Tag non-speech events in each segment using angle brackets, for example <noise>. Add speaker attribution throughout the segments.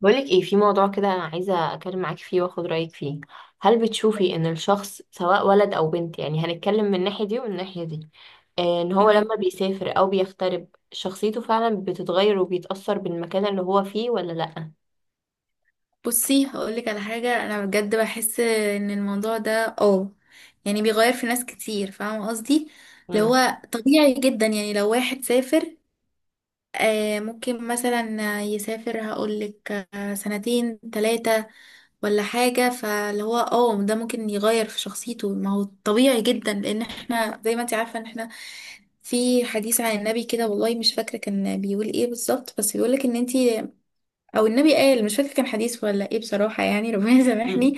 Speaker 1: بقولك ايه، في موضوع كده انا عايزه اتكلم معاكي فيه واخد رايك فيه. هل بتشوفي ان الشخص سواء ولد او بنت، يعني هنتكلم من الناحيه دي ومن الناحيه دي. ان هو
Speaker 2: تمام.
Speaker 1: لما بيسافر او بيغترب شخصيته فعلا بتتغير وبيتاثر بالمكان اللي هو فيه ولا لا؟
Speaker 2: بصي، هقولك على حاجة. أنا بجد بحس إن الموضوع ده يعني بيغير في ناس كتير، فاهمة قصدي؟ اللي هو طبيعي جدا، يعني لو واحد سافر ممكن مثلا يسافر، هقولك سنتين تلاتة ولا حاجة، فاللي هو ده ممكن يغير في شخصيته. ما هو طبيعي جدا، لأن احنا زي ما انت عارفة ان احنا في حديث عن النبي كده، والله مش فاكرة كان بيقول ايه بالظبط، بس بيقولك ان انت، او النبي قال، مش فاكره كان حديث ولا ايه بصراحه، يعني ربنا <laughs>
Speaker 1: امم.
Speaker 2: يسامحني.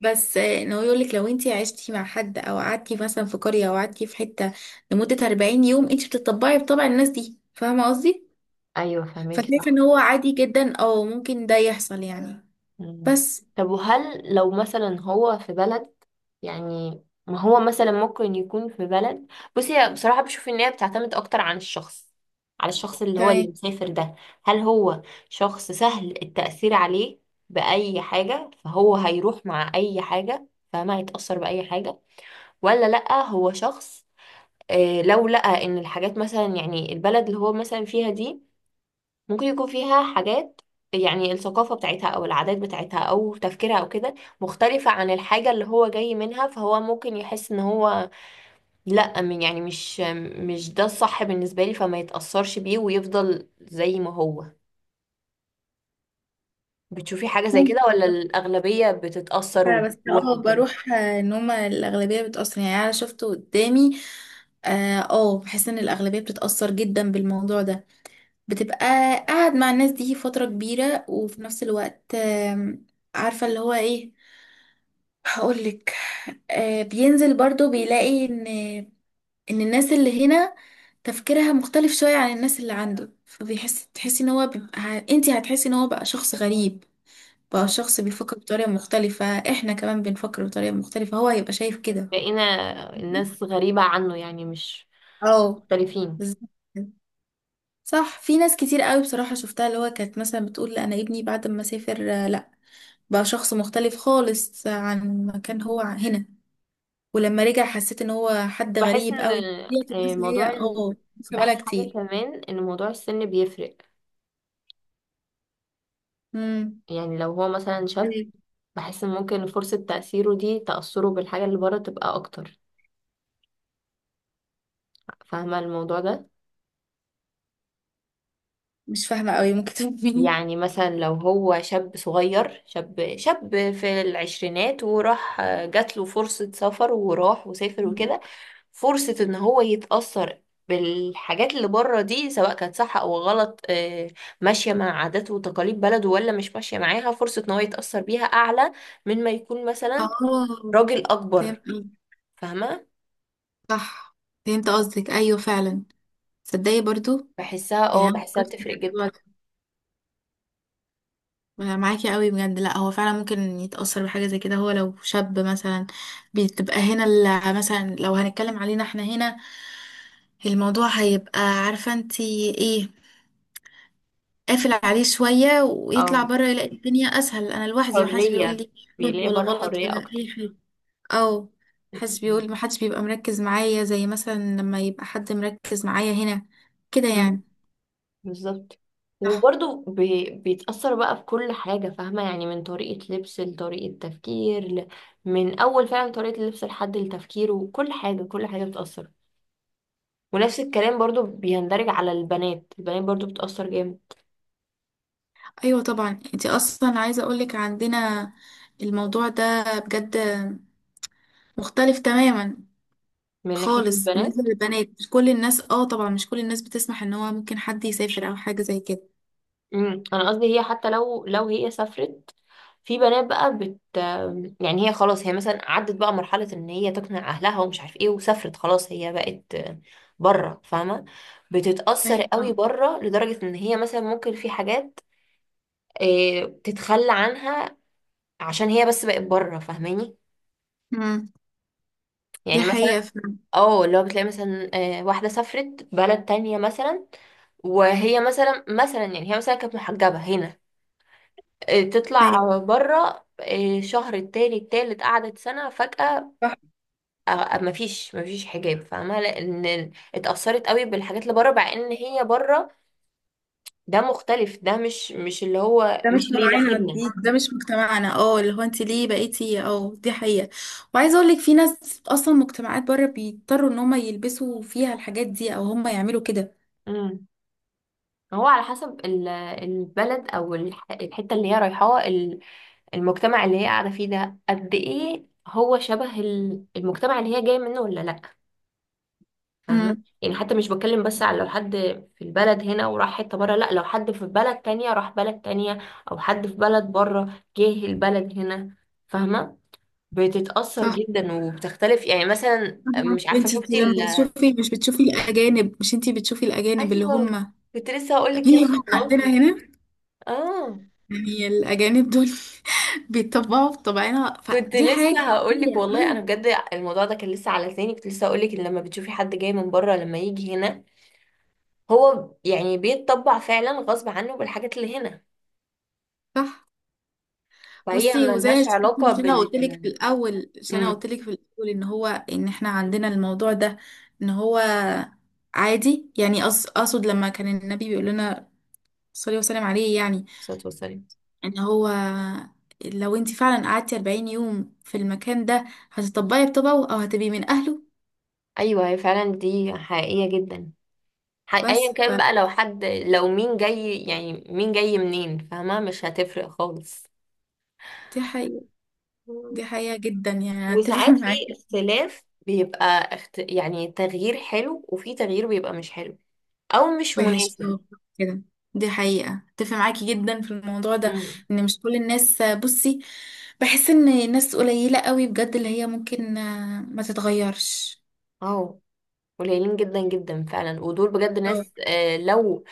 Speaker 2: بس ان هو يقول لك لو انت عشتي مع حد او قعدتي مثلا في قريه او قعدتي في حته لمده 40 يوم انت بتطبعي بطبع الناس دي، فاهمه قصدي؟
Speaker 1: ايوه، فهمك
Speaker 2: فشايفه ان
Speaker 1: صح.
Speaker 2: هو عادي جدا، او ممكن ده يحصل يعني.
Speaker 1: مم.
Speaker 2: بس.
Speaker 1: طب وهل لو مثلا هو في بلد، يعني ما هو مثلا ممكن يكون في بلد. بصي، هي بصراحة بشوف ان هي بتعتمد اكتر عن الشخص، على الشخص اللي هو اللي
Speaker 2: تمام.
Speaker 1: مسافر ده. هل هو شخص سهل التأثير عليه بأي حاجة فهو هيروح مع أي حاجة فما هيتأثر بأي حاجة، ولا لأ هو شخص، لو لقى ان الحاجات مثلا يعني البلد اللي هو مثلا فيها دي ممكن يكون فيها حاجات، يعني الثقافة بتاعتها أو العادات بتاعتها أو تفكيرها أو كده مختلفة عن الحاجة اللي هو جاي منها، فهو ممكن يحس إن هو لأ يعني مش ده الصح بالنسبة لي، فما يتأثرش بيه ويفضل زي ما هو. بتشوفي حاجة زي كده
Speaker 2: ممكن.
Speaker 1: ولا الأغلبية بتتأثر
Speaker 2: بس
Speaker 1: وبتروح وكده؟
Speaker 2: بروح. ان هما الاغلبيه بتاثر، يعني انا شفته قدامي. بحس ان الاغلبيه بتتاثر جدا بالموضوع ده. بتبقى قاعد مع الناس دي فترة كبيرة، وفي نفس الوقت عارفة اللي هو ايه؟ هقولك، بينزل برضو بيلاقي ان الناس اللي هنا تفكيرها مختلف شوية عن الناس اللي عنده، فبيحس تحسي ان هو بيبقى، انتي هتحسي ان هو بقى شخص غريب، بقى شخص بيفكر بطريقة مختلفة. احنا كمان بنفكر بطريقة مختلفة، هو هيبقى شايف كده.
Speaker 1: لقينا الناس غريبة عنه، يعني مش
Speaker 2: اه،
Speaker 1: مختلفين.
Speaker 2: بالظبط كده. صح، في ناس كتير قوي بصراحة شفتها، اللي هو كانت مثلا بتقول لا، انا ابني بعد ما سافر لا، بقى شخص مختلف خالص عن ما كان هو هنا، ولما رجع حسيت ان هو حد
Speaker 1: بحس
Speaker 2: غريب
Speaker 1: إن
Speaker 2: قوي بطبيعته.
Speaker 1: آه،
Speaker 2: الناس اللي هي
Speaker 1: موضوع ال...
Speaker 2: عارفة بقالها
Speaker 1: بحس حاجة
Speaker 2: كتير.
Speaker 1: كمان إن موضوع السن بيفرق.
Speaker 2: امم.
Speaker 1: يعني لو هو مثلا شاب، بحس ممكن فرصة تأثيره دي تأثره بالحاجة اللي بره تبقى أكتر، فاهمة الموضوع ده؟
Speaker 2: مش فاهمة قوي، ممكن تفهميني؟
Speaker 1: يعني مثلا لو هو شاب صغير، شاب في العشرينات وراح جات له فرصة سفر وراح وسافر وكده، فرصة إن هو يتأثر بالحاجات اللي بره دي سواء كانت صح أو غلط، ماشية مع عادات وتقاليد بلده ولا مش ماشية معاها، فرصة إن هو يتأثر بيها أعلى من ما يكون مثلا
Speaker 2: اه،
Speaker 1: راجل
Speaker 2: فهمت
Speaker 1: أكبر.
Speaker 2: قصدك.
Speaker 1: فاهمة.
Speaker 2: صح، فهمت قصدك، ايوه فعلا. تصدقي برضو،
Speaker 1: بحسها
Speaker 2: يعني
Speaker 1: اه
Speaker 2: أنا
Speaker 1: بحسها
Speaker 2: فكرت في
Speaker 1: بتفرق.
Speaker 2: الموضوع. أنا معاكي قوي بجد، لا، هو فعلا ممكن يتأثر بحاجة زي كده هو، لو شاب مثلا بتبقى هنا مثلا لو هنتكلم علينا احنا هنا، الموضوع هيبقى، عارفة انتي ايه؟ قافل عليه شوية، ويطلع
Speaker 1: جدا.
Speaker 2: بره يلاقي الدنيا أسهل. أنا لوحدي، محدش بيقول
Speaker 1: حرية.
Speaker 2: لي حلو
Speaker 1: بيلاقي
Speaker 2: ولا
Speaker 1: بره
Speaker 2: غلط
Speaker 1: حرية
Speaker 2: ولا أي
Speaker 1: أكتر.
Speaker 2: حاجة، أو محدش
Speaker 1: م-
Speaker 2: بيقول، محدش بيبقى مركز معايا زي مثلا لما يبقى حد مركز معايا هنا كده يعني.
Speaker 1: م. بالظبط.
Speaker 2: صح،
Speaker 1: وبرضه بيتأثر بقى بكل حاجة، فاهمة، يعني من طريقة لبس لطريقة تفكير من أول فعلا طريقة اللبس لحد التفكير، وكل حاجة كل حاجة بتأثر. ونفس الكلام برضه بيندرج على البنات. البنات برضه بتأثر جامد.
Speaker 2: ايوه طبعا. انت اصلا عايزه اقولك عندنا الموضوع ده بجد مختلف تماما
Speaker 1: من ناحية
Speaker 2: خالص بالنسبه
Speaker 1: البنات.
Speaker 2: للبنات. مش كل الناس، طبعا مش كل الناس بتسمح ان هو ممكن حد يسافر او حاجه زي كده.
Speaker 1: امم. انا قصدي هي حتى لو هي سافرت، في بنات بقى يعني هي خلاص هي مثلا عدت بقى مرحلة ان هي تقنع اهلها ومش عارف ايه وسافرت خلاص هي بقت بره، فاهمة، بتتأثر
Speaker 2: ايوه، آه.
Speaker 1: قوي بره لدرجة ان هي مثلا ممكن في حاجات تتخلى عنها عشان هي بس بقت بره، فاهماني.
Speaker 2: أمم. دي
Speaker 1: يعني
Speaker 2: حقيقه
Speaker 1: مثلا
Speaker 2: فعلا.
Speaker 1: اه اللي هو بتلاقي مثلا واحدة سافرت بلد تانية مثلا، وهي مثلا يعني هي مثلا كانت محجبة هنا،
Speaker 2: أيوة.
Speaker 1: تطلع بره شهر التاني التالت قعدت سنة، فجأة
Speaker 2: صح،
Speaker 1: مفيش حجاب، فاهمة، لأن اتأثرت قوي بالحاجات اللي بره، مع إن هي بره ده مختلف، ده مش اللي هو
Speaker 2: ده مش
Speaker 1: مش اللي
Speaker 2: طبعنا، دي
Speaker 1: يناسبنا.
Speaker 2: ده مش مجتمعنا، اللي هو انت ليه بقيتي؟ اه دي حقيقه. وعايزه اقولك في ناس اصلا، مجتمعات بره بيضطروا ان هم يلبسوا فيها الحاجات دي او هم يعملوا كده.
Speaker 1: امم. هو على حسب البلد أو الحتة اللي هي رايحاها، المجتمع اللي هي قاعدة فيه ده قد إيه هو شبه المجتمع اللي هي جاية منه ولا لأ، فاهمة.
Speaker 2: امم.
Speaker 1: يعني حتى مش بتكلم بس على لو حد في البلد هنا وراح حتة بره، لا، لو حد في بلد تانية راح بلد تانية، او حد في بلد بره جه البلد هنا، فاهمة، بتتأثر جدا وبتختلف. يعني مثلا
Speaker 2: طبعا.
Speaker 1: مش عارفة
Speaker 2: انتي
Speaker 1: شفتي
Speaker 2: لما بتشوفي، مش بتشوفي الاجانب؟ مش انتي بتشوفي الاجانب اللي
Speaker 1: ايوه
Speaker 2: هم
Speaker 1: كنت لسه هقولك كده.
Speaker 2: بيجوا <laughs> عندنا
Speaker 1: والله
Speaker 2: هنا؟
Speaker 1: اه
Speaker 2: يعني الاجانب دول <laughs> بيتطبعوا بطبعنا،
Speaker 1: كنت
Speaker 2: فدي حاجه
Speaker 1: لسه هقولك،
Speaker 2: عاديه.
Speaker 1: والله انا
Speaker 2: أيوة.
Speaker 1: بجد الموضوع ده كان لسه على لساني، كنت لسه هقولك ان لما بتشوفي حد جاي من بره، لما يجي هنا، هو يعني بيتطبع فعلا غصب عنه بالحاجات اللي هنا.
Speaker 2: صح.
Speaker 1: فهي
Speaker 2: بصي، وزي
Speaker 1: ملهاش علاقة
Speaker 2: مش انا قلت لك في الاول، مش انا
Speaker 1: امم.
Speaker 2: قلت لك في الاول ان هو، ان احنا عندنا الموضوع ده ان هو عادي، يعني اقصد لما كان النبي بيقول لنا، صلي وسلم عليه، يعني
Speaker 1: صوت وسلم.
Speaker 2: ان هو لو انت فعلا قعدتي 40 يوم في المكان ده هتطبقي بطبعه او هتبقي من اهله.
Speaker 1: ايوه هي فعلا دي حقيقية جدا.
Speaker 2: بس
Speaker 1: ايا كان
Speaker 2: فدي
Speaker 1: بقى، لو مين جاي، يعني مين جاي منين، فاهمة، مش هتفرق خالص.
Speaker 2: حقيقة، دي
Speaker 1: مم.
Speaker 2: حقيقة جدا، يعني أنا اتفق
Speaker 1: وساعات
Speaker 2: <laughs>
Speaker 1: في
Speaker 2: معاكي.
Speaker 1: اختلاف بيبقى يعني تغيير حلو وفي تغيير بيبقى مش حلو او مش
Speaker 2: وحش
Speaker 1: مناسب.
Speaker 2: كده. دي حقيقة، اتفق معاكي جدا في الموضوع ده،
Speaker 1: امم.
Speaker 2: ان مش كل الناس. بصي، بحس ان ناس قليلة قوي بجد اللي هي ممكن ما تتغيرش.
Speaker 1: اه، قليلين جدا جدا فعلا ودول بجد
Speaker 2: أوي.
Speaker 1: ناس، لو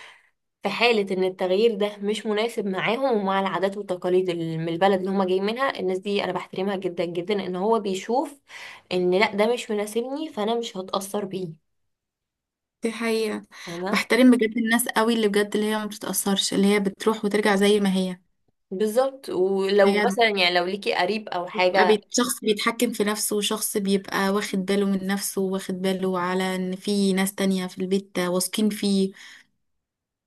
Speaker 1: في حالة إن التغيير ده مش مناسب معاهم ومع العادات والتقاليد من البلد اللي هما جايين منها، الناس دي أنا بحترمها جدا جدا، إن هو بيشوف إن لأ ده مش مناسبني، فأنا مش هتأثر بيه،
Speaker 2: دي حقيقة،
Speaker 1: فاهمة.
Speaker 2: بحترم بجد الناس قوي، اللي بجد اللي هي ما بتتأثرش، اللي هي بتروح وترجع زي ما هي.
Speaker 1: بالظبط. ولو مثلا
Speaker 2: بجد،
Speaker 1: يعني لو ليكي قريب أو
Speaker 2: بقى
Speaker 1: حاجة.
Speaker 2: شخص بيتحكم في نفسه، وشخص بيبقى واخد باله من نفسه، واخد باله على ان في ناس تانية في البيت واثقين فيه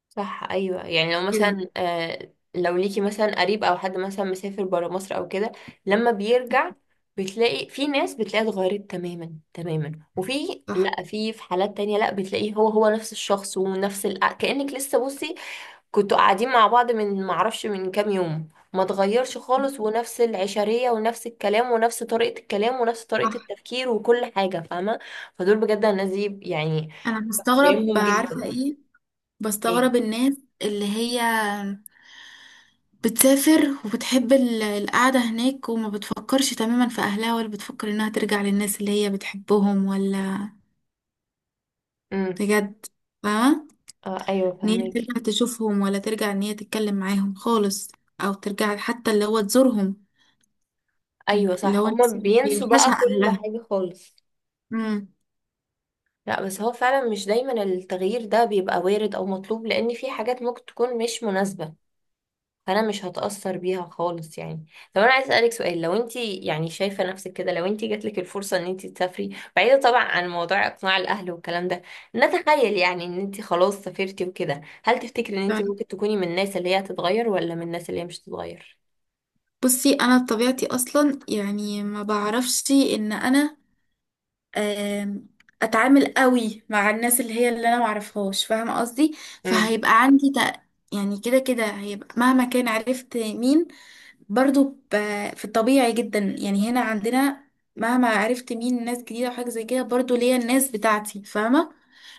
Speaker 1: صح، ايوه، يعني لو
Speaker 2: كده.
Speaker 1: مثلا لو ليكي مثلا قريب او حد مثلا مسافر برا مصر او كده، لما بيرجع بتلاقي في ناس بتلاقيها اتغيرت تماما تماما، وفي،
Speaker 2: صح،
Speaker 1: لا، في حالات تانية لا بتلاقيه هو هو نفس الشخص ونفس كأنك لسه، بصي، كنتوا قاعدين مع بعض من معرفش من كام يوم، ما اتغيرش خالص، ونفس العشرية ونفس الكلام ونفس طريقة الكلام ونفس طريقة
Speaker 2: صح.
Speaker 1: التفكير وكل حاجة، فاهمة. فدول بجد الناس دي يعني
Speaker 2: انا مستغرب
Speaker 1: كريمهم
Speaker 2: عارفة
Speaker 1: جدا.
Speaker 2: ايه؟
Speaker 1: ايه.
Speaker 2: بستغرب الناس اللي هي بتسافر وبتحب القعدة هناك، وما بتفكرش تماما في اهلها، ولا بتفكر انها ترجع للناس اللي هي بتحبهم، ولا
Speaker 1: إمم.
Speaker 2: بجد فاهمة
Speaker 1: اه، ايوه،
Speaker 2: ان هي
Speaker 1: فهماكي.
Speaker 2: ترجع تشوفهم، ولا ترجع ان هي تتكلم معاهم خالص، او ترجع حتى اللي هو تزورهم. مم.
Speaker 1: ايوه صح،
Speaker 2: لو انا
Speaker 1: هما بينسوا بقى
Speaker 2: بيوحشها
Speaker 1: كل
Speaker 2: اهلها.
Speaker 1: حاجة خالص.
Speaker 2: امم.
Speaker 1: لا بس هو فعلا مش دايما التغيير ده بيبقى وارد او مطلوب، لان في حاجات ممكن تكون مش مناسبة، فانا مش هتأثر بيها خالص يعني. طب انا عايز اسألك سؤال، لو انت يعني شايفة نفسك كده، لو انت جاتلك الفرصة ان انت تسافري، بعيدة طبعا عن موضوع اقناع الاهل والكلام ده، نتخيل يعني ان انت خلاص سافرتي وكده، هل تفتكري ان انت
Speaker 2: طيب.
Speaker 1: ممكن تكوني من الناس اللي هي هتتغير ولا من الناس اللي هي مش هتتغير؟
Speaker 2: بصي انا بطبيعتي اصلا، يعني ما بعرفش ان انا آم، اتعامل قوي مع الناس اللي هي اللي انا ما اعرفهاش، فاهمه قصدي؟
Speaker 1: امم.
Speaker 2: فهيبقى عندي يعني كده كده هيبقى، مهما كان عرفت مين برضو ب... في الطبيعي جدا يعني، هنا عندنا مهما عرفت مين ناس جديدة وحاجة زي كده، برضو ليا الناس بتاعتي فاهمة.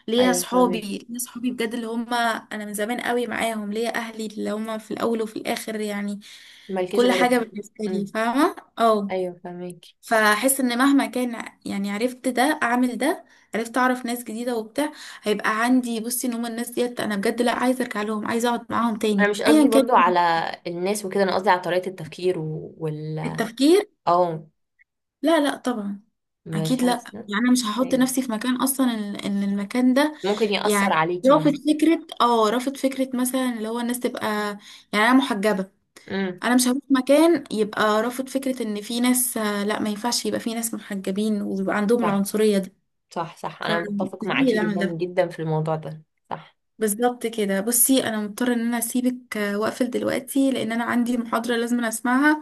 Speaker 2: ليا
Speaker 1: ايوه
Speaker 2: صحابي،
Speaker 1: فهماكي.
Speaker 2: ليا صحابي بجد اللي هم أنا من زمان قوي معاهم، ليا أهلي اللي هم في الأول وفي الآخر يعني.
Speaker 1: مالكيش
Speaker 2: كل
Speaker 1: غيرهم.
Speaker 2: حاجة بالنسبة لي، فاهمة؟ اه.
Speaker 1: ايوه فاهمك.
Speaker 2: فأحس إن مهما كان، يعني عرفت ده، أعمل ده، عرفت أعرف ناس جديدة وبتاع، هيبقى عندي، بصي، إن هم الناس ديت أنا بجد لأ، عايزة أرجع لهم، عايزة أقعد معاهم
Speaker 1: انا
Speaker 2: تاني
Speaker 1: مش
Speaker 2: أيا
Speaker 1: قصدي
Speaker 2: كان.
Speaker 1: برضو على الناس وكده، انا قصدي على طريقة التفكير
Speaker 2: التفكير،
Speaker 1: اه.
Speaker 2: لا، لا، طبعا.
Speaker 1: مش
Speaker 2: اكيد لا،
Speaker 1: حاسة.
Speaker 2: يعني انا مش هحط
Speaker 1: ايوه
Speaker 2: نفسي في مكان اصلا ان المكان ده،
Speaker 1: ممكن يأثر
Speaker 2: يعني
Speaker 1: عليكي
Speaker 2: رافض
Speaker 1: مثلا.
Speaker 2: فكره، رافض فكره مثلا اللي هو الناس تبقى، يعني انا محجبه.
Speaker 1: امم.
Speaker 2: انا مش هروح مكان يبقى رافض فكره ان في ناس، لا، ما ينفعش يبقى في ناس محجبين ويبقى عندهم
Speaker 1: صح
Speaker 2: العنصريه دي.
Speaker 1: صح صح، انا متفق
Speaker 2: فمستحيل
Speaker 1: معاكي
Speaker 2: اعمل
Speaker 1: جدا
Speaker 2: ده.
Speaker 1: جدا في الموضوع ده. صح.
Speaker 2: بالظبط كده. بصي انا مضطره ان انا اسيبك، واقفل دلوقتي، لان انا عندي محاضره لازم أنا اسمعها،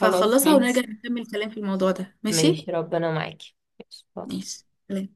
Speaker 1: خلاص
Speaker 2: ونرجع
Speaker 1: ماشي.
Speaker 2: نكمل كلام في الموضوع ده. ماشي،
Speaker 1: ماشي، ربنا معاكي. ماشي.
Speaker 2: ماشي. سلام.